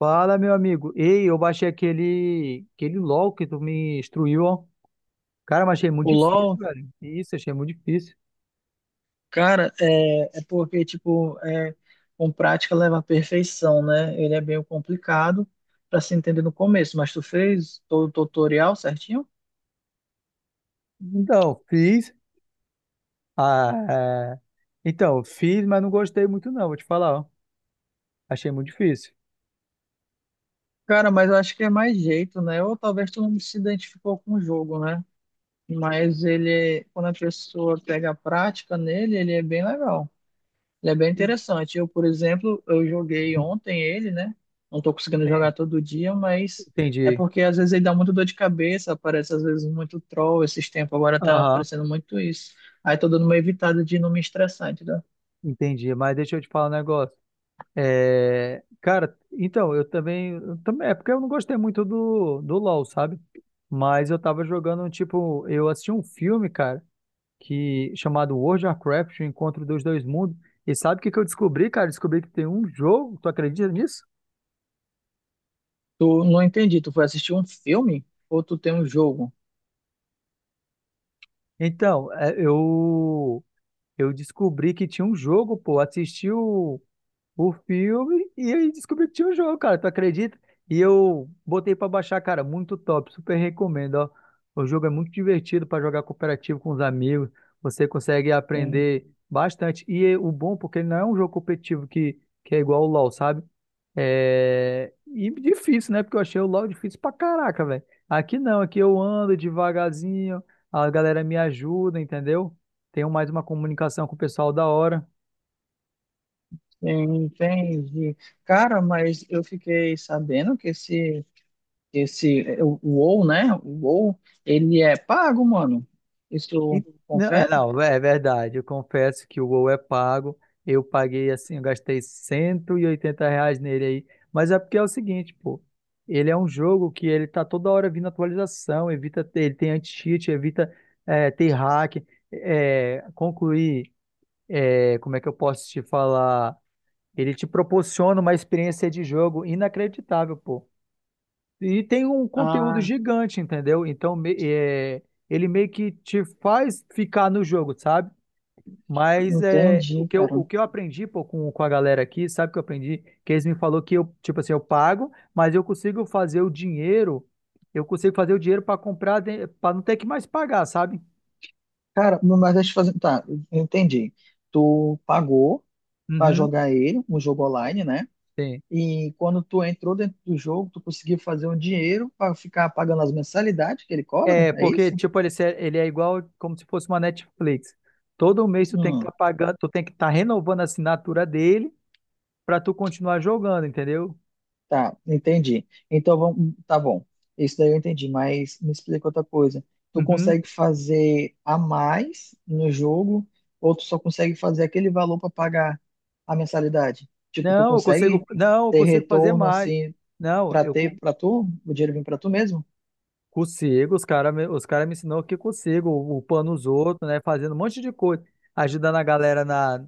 Fala, meu amigo. Ei, eu baixei aquele LOL que tu me instruiu, ó. Cara, mas achei muito O difícil, LoL, velho. Isso, achei muito difícil. cara, é porque, tipo, é, com prática leva à perfeição, né? Ele é bem complicado para se entender no começo, mas tu fez todo o tutorial certinho? Então, fiz. Ah, é. Então, fiz, mas não gostei muito, não, vou te falar, ó. Achei muito difícil. Cara, mas eu acho que é mais jeito, né? Ou talvez tu não se identificou com o jogo, né? Mas ele, quando a pessoa pega a prática nele, ele é bem legal. Ele é bem interessante. Eu, por exemplo, eu joguei ontem ele, né? Não tô conseguindo jogar todo dia, mas é Entendi. porque às vezes ele dá muito dor de cabeça, aparece às vezes muito troll esses tempos, agora tá Aham, aparecendo muito isso. Aí tô dando uma evitada de não me estressar, entendeu? entendi. Mas deixa eu te falar um negócio. É, cara, então, eu também. É porque eu não gostei muito do LOL, sabe? Mas eu tava jogando, tipo, eu assisti um filme, cara. Que chamado World of Warcraft, o Encontro dos Dois Mundos. E sabe o que que eu descobri, cara? Descobri que tem um jogo, tu acredita nisso? Tu não entendi, tu foi assistir um filme ou tu tem um jogo? Então, eu descobri que tinha um jogo, pô, assisti o filme e aí descobri que tinha um jogo, cara. Tu acredita? E eu botei pra baixar, cara. Muito top. Super recomendo, ó. O jogo é muito divertido pra jogar cooperativo com os amigos. Você consegue Tem, aprender bastante. E é o bom, porque ele não é um jogo competitivo que é igual o LoL, sabe? E difícil, né? Porque eu achei o LoL difícil pra caraca, velho. Aqui não, aqui eu ando devagarzinho, a galera me ajuda, entendeu? Tenho mais uma comunicação com o pessoal da hora. tem, entendi. Cara, mas eu fiquei sabendo que esse, o WoW, né? O WoW, ele é pago, mano. E- Isso Não, confere? É verdade. Eu confesso que o Gol é pago. Eu paguei assim, eu gastei 180 reais nele aí. Mas é porque é o seguinte, pô. Ele é um jogo que ele tá toda hora vindo atualização, evita ter, ele tem anti-cheat, evita ter hack, concluir, como é que eu posso te falar? Ele te proporciona uma experiência de jogo inacreditável, pô. E tem um conteúdo Ah. gigante, entendeu? Então, ele meio que te faz ficar no jogo, sabe? Mas é, Entendi, cara. o que eu aprendi pô, com a galera aqui, sabe o que eu aprendi? Que eles me falou que eu, tipo assim, eu pago, mas eu consigo fazer o dinheiro para comprar, para não ter que mais pagar, sabe? Cara, mas deixa eu fazer. Tá, eu entendi. Tu pagou pra Uhum. jogar ele, um jogo online, Sim, né? sim. E quando tu entrou dentro do jogo, tu conseguiu fazer um dinheiro pra ficar pagando as mensalidades que ele cobra? É, É porque, isso? tipo, ele é igual como se fosse uma Netflix. Todo mês tu tem que estar Hum. pagando, tu tem que estar renovando a assinatura dele pra tu continuar jogando, entendeu? Tá, entendi. Então, vamos, tá bom. Isso daí eu entendi, mas me explica outra coisa. Tu Uhum. consegue fazer a mais no jogo ou tu só consegue fazer aquele valor para pagar a mensalidade? Tipo, tu consegue Não, eu ter consigo fazer retorno mais. assim Não, para eu co- ter para tu, o dinheiro vem para tu mesmo? consigo, os cara me ensinou que eu consigo, upando os outros, né, fazendo um monte de coisa, ajudando a galera na,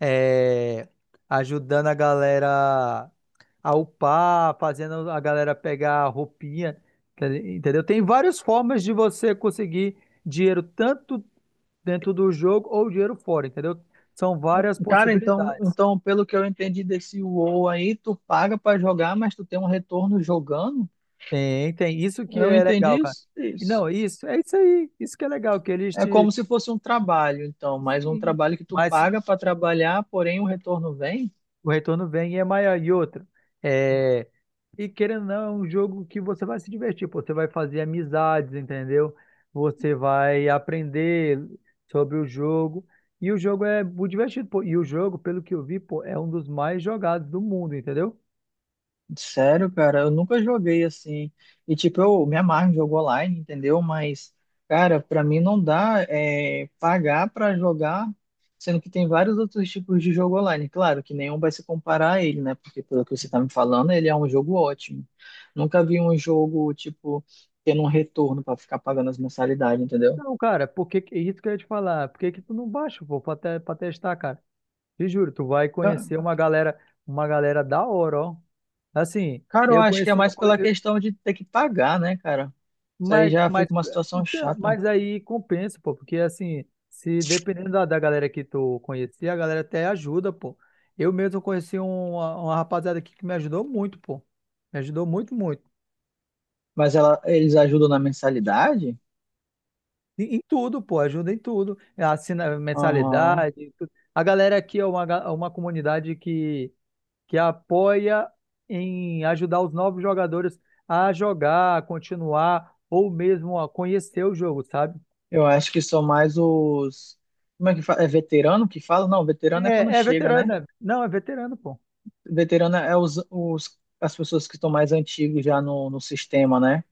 é, ajudando a galera a upar, fazendo a galera pegar a roupinha, entendeu? Tem várias formas de você conseguir dinheiro tanto dentro do jogo ou dinheiro fora, entendeu? São Não. várias Cara, então, possibilidades. então, pelo que eu entendi desse WoW aí, tu paga para jogar, mas tu tem um retorno jogando? Tem, tem. Isso que Eu é entendi legal, cara. isso? E Isso. Não, isso, é isso aí. Isso que é legal, que eles É te. como se fosse um trabalho, então, mas um Sim, trabalho que tu mas paga para trabalhar, porém o retorno vem? o retorno vem e é maior. E outra, é, e querendo ou não, é um jogo que você vai se divertir, pô. Você vai fazer amizades, entendeu? Você vai aprender sobre o jogo. E o jogo é muito divertido, pô. E o jogo, pelo que eu vi, pô, é um dos mais jogados do mundo, entendeu? Sério, cara, eu nunca joguei assim. E tipo, eu me amarro em jogo online, entendeu? Mas, cara, para mim não dá é, pagar para jogar, sendo que tem vários outros tipos de jogo online. Claro que nenhum vai se comparar a ele, né? Porque pelo que você tá me falando, ele é um jogo ótimo. Nunca vi um jogo, tipo, tendo um retorno para ficar pagando as mensalidades, entendeu? Não, cara, isso que eu ia te falar? Por que que tu não baixa, pô, pra testar, cara? Te juro, tu vai conhecer uma galera da hora, ó. Assim, Cara, eu eu acho que é conheci, eu mais conhe- pela eu- questão de ter que pagar, né, cara? Isso aí já mas, fica uma situação então, chata. mas aí compensa, pô, porque assim, se dependendo da galera que tu conhecer, a galera até ajuda, pô. Eu mesmo conheci uma rapaziada aqui que me ajudou muito, pô. Me ajudou muito, muito. Mas ela, eles ajudam na mensalidade? Em tudo, pô, ajuda em tudo. Assina Aham. mensalidade, em tudo. A galera aqui é uma comunidade que apoia em ajudar os novos jogadores a jogar, a continuar ou mesmo a conhecer o jogo, sabe? Eu acho que são mais os. Como é que fala? É veterano que fala? Não, veterano é quando É, é chega, veterano, né? né? Não, é veterano, pô. Veterano é os, as pessoas que estão mais antigos já no, no sistema, né?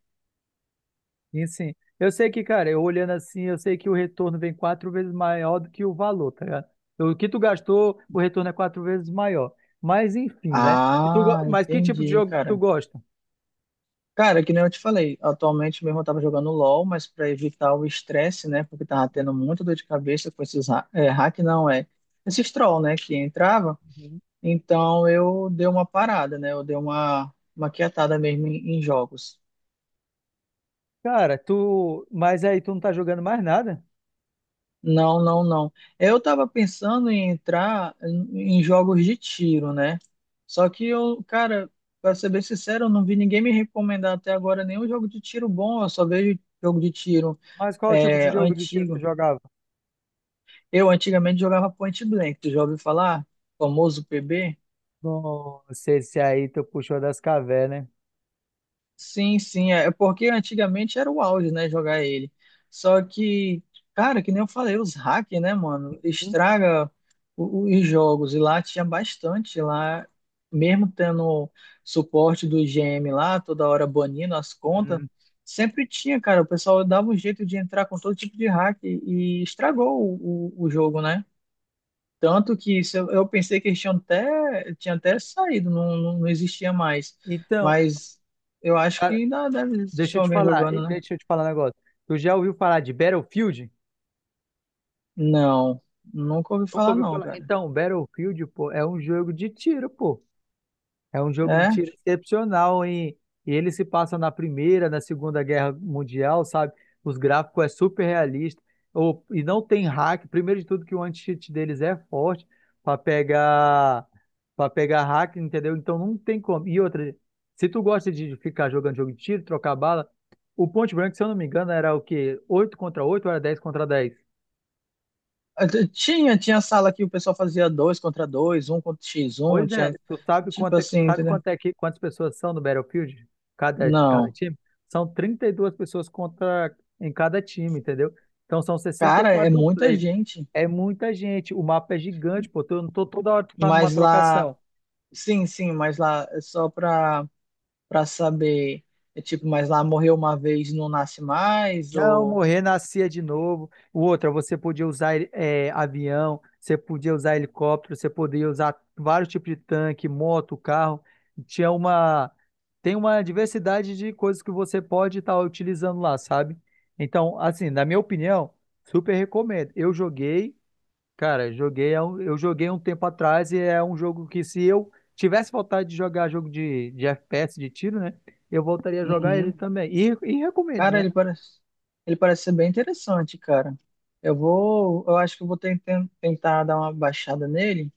E sim, eu sei que, cara, eu olhando assim, eu sei que o retorno vem quatro vezes maior do que o valor, tá ligado? O que tu gastou, o retorno é quatro vezes maior. Mas enfim, né? E tu, Ah, mas que tipo de entendi, jogo que tu cara. gosta? Cara, que nem eu te falei, atualmente mesmo eu tava jogando LoL, mas para evitar o estresse, né, porque tava tendo muita dor de cabeça com esses hack, não, é, esses troll, né, que entrava, Uhum. então eu dei uma parada, né, eu dei uma quietada mesmo em, em jogos. Cara, tu. Mas aí tu não tá jogando mais nada? Não, não, não. Eu tava pensando em entrar em, em jogos de tiro, né, só que eu, cara, pra ser bem sincero, eu não vi ninguém me recomendar até agora nenhum jogo de tiro bom, eu só vejo jogo de tiro Mas qual tipo de é, jogo de tiro tu antigo. jogava? Eu antigamente jogava Point Blank, tu já ouviu falar? Famoso PB? Nossa, esse aí tu puxou das cavernas, né? Sim, sim, é porque antigamente era o auge, né, jogar ele. Só que, cara, que nem eu falei, os hackers, né, mano, estraga os jogos. E lá tinha bastante, lá, mesmo tendo suporte do IGM lá, toda hora banindo as Uhum. contas, né? sempre tinha, cara, o pessoal dava um jeito de entrar com todo tipo de hack e estragou o jogo, né? Tanto que isso, eu pensei que eles tinham até, tinha até saído, não, não, não existia mais. Então, Mas eu acho que cara, ainda deve existir alguém jogando, né? deixa eu te falar um negócio. Tu já ouviu falar de Battlefield? Não, nunca ouvi Nunca falar ouviu não, falar? cara. Então, Battlefield, pô, é um jogo de tiro, pô. É um jogo de É, tiro excepcional, hein? E ele se passa na Primeira, na Segunda Guerra Mundial, sabe? Os gráficos é super realista. E não tem hack. Primeiro de tudo que o anti-cheat deles é forte para pegar para pegar hack, entendeu? Então não tem como. E outra, se tu gosta de ficar jogando jogo de tiro, trocar bala, o Point Blank, se eu não me engano, era o quê? Oito contra 8 ou era 10 contra 10. até tinha, tinha sala que o pessoal fazia dois contra dois, um contra x um Pois é, tinha, tu sabe tipo quanto é, assim, sabe entendeu? quanto quantas pessoas são no Battlefield? Cada Não, time? São 32 pessoas contra em cada time, entendeu? Então são sessenta e cara, é quatro muita players. gente. É muita gente. O mapa é gigante, pô. Eu não tô toda hora que tá numa Mas lá, trocação. sim, sim, mas lá, é só pra, pra saber, é tipo, mas lá morreu uma vez, não nasce mais, Não, ou... morrer, nascia de novo. O outro, você podia usar avião, você podia usar helicóptero, você podia usar vários tipos de tanque, moto, carro. Tinha uma, tem uma diversidade de coisas que você pode estar utilizando lá, sabe? Então, assim, na minha opinião, super recomendo. Eu joguei um tempo atrás e é um jogo que se eu tivesse vontade de jogar jogo de FPS, de tiro, né? Eu voltaria a jogar ele Uhum. também. E recomendo, Cara, né? Ele parece ser bem interessante, cara. Eu vou, eu acho que eu vou tentar dar uma baixada nele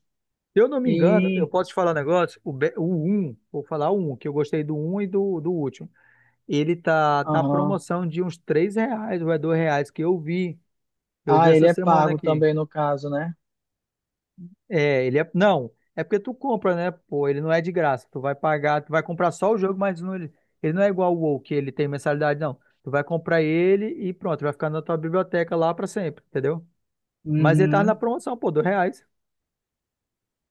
Se eu não me engano, eu e, posso te falar um negócio, o 1, vou falar o 1, que eu gostei do um do último. Ele tá na aham. promoção de uns 3 reais ou é 2 reais que eu vi. Eu vi Ah, ele essa é semana pago aqui. também no caso, né? É, ele é. Não, é porque tu compra, né? Pô, ele não é de graça. Tu vai pagar, tu vai comprar só o jogo, mas não, ele não é igual o WoW, que ele tem mensalidade, não. Tu vai comprar ele e pronto, vai ficar na tua biblioteca lá pra sempre, entendeu? Mas ele tá na Uhum. promoção, pô, dois reais.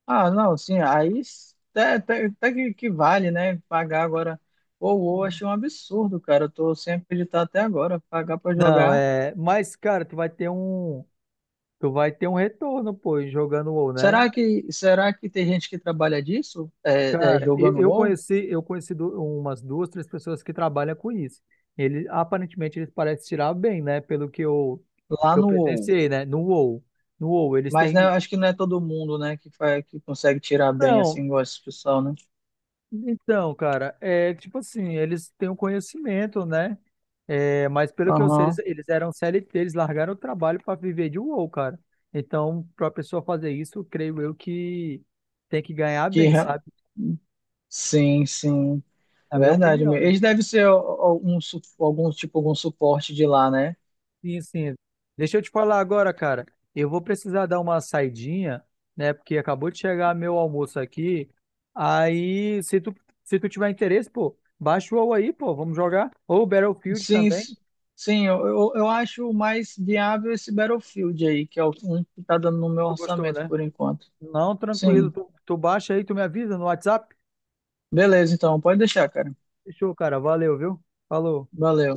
Ah, não, sim, até, até, até que vale, né? Pagar agora. Ou, achei um absurdo, cara. Eu tô sem acreditar até agora, pagar pra Não, jogar. é. Mas, cara, tu vai ter um. Tu vai ter um retorno, pô, jogando WoW, né? Será que tem gente que trabalha disso? É, é, Cara, jogando WoW? Eu conheci umas duas, três pessoas que trabalham com isso. Ele, aparentemente, eles parecem tirar bem, né? Lá Que eu no WoW. presenciei, né? No WoW. No WoW, eles Mas né, têm. acho que não é todo mundo, né, que faz, que consegue tirar bem Então, assim igual esse pessoal, né? então, cara, é tipo assim, eles têm um conhecimento, né? É, mas pelo que eu sei, Aham. eles eram C L T eles largaram o trabalho para viver de WoW, cara. Então, pra pessoa fazer isso, creio eu que tem que ganhar Que bem, re- sabe? sim, sim. É a minha Verdade opinião, mesmo. né? Eles devem ser algum, algum tipo algum suporte de lá, né? Sim, sim. Deixa eu te falar agora, cara. Eu vou precisar dar uma saidinha, né? Porque acabou de chegar meu almoço aqui. Aí, se tu tiver interesse, pô, baixa o WoW aí, pô, vamos jogar. Ou Battlefield Sim, também. Sim, eu acho mais viável esse Battlefield aí, que é o um que tá dando no se meu Tu gostou, orçamento né? por enquanto. Não, tranquilo. Sim. Tu baixa aí, tu me avisa no WhatsApp. Beleza, então, pode deixar, cara. Fechou, cara. Valeu, viu? Falou. Valeu.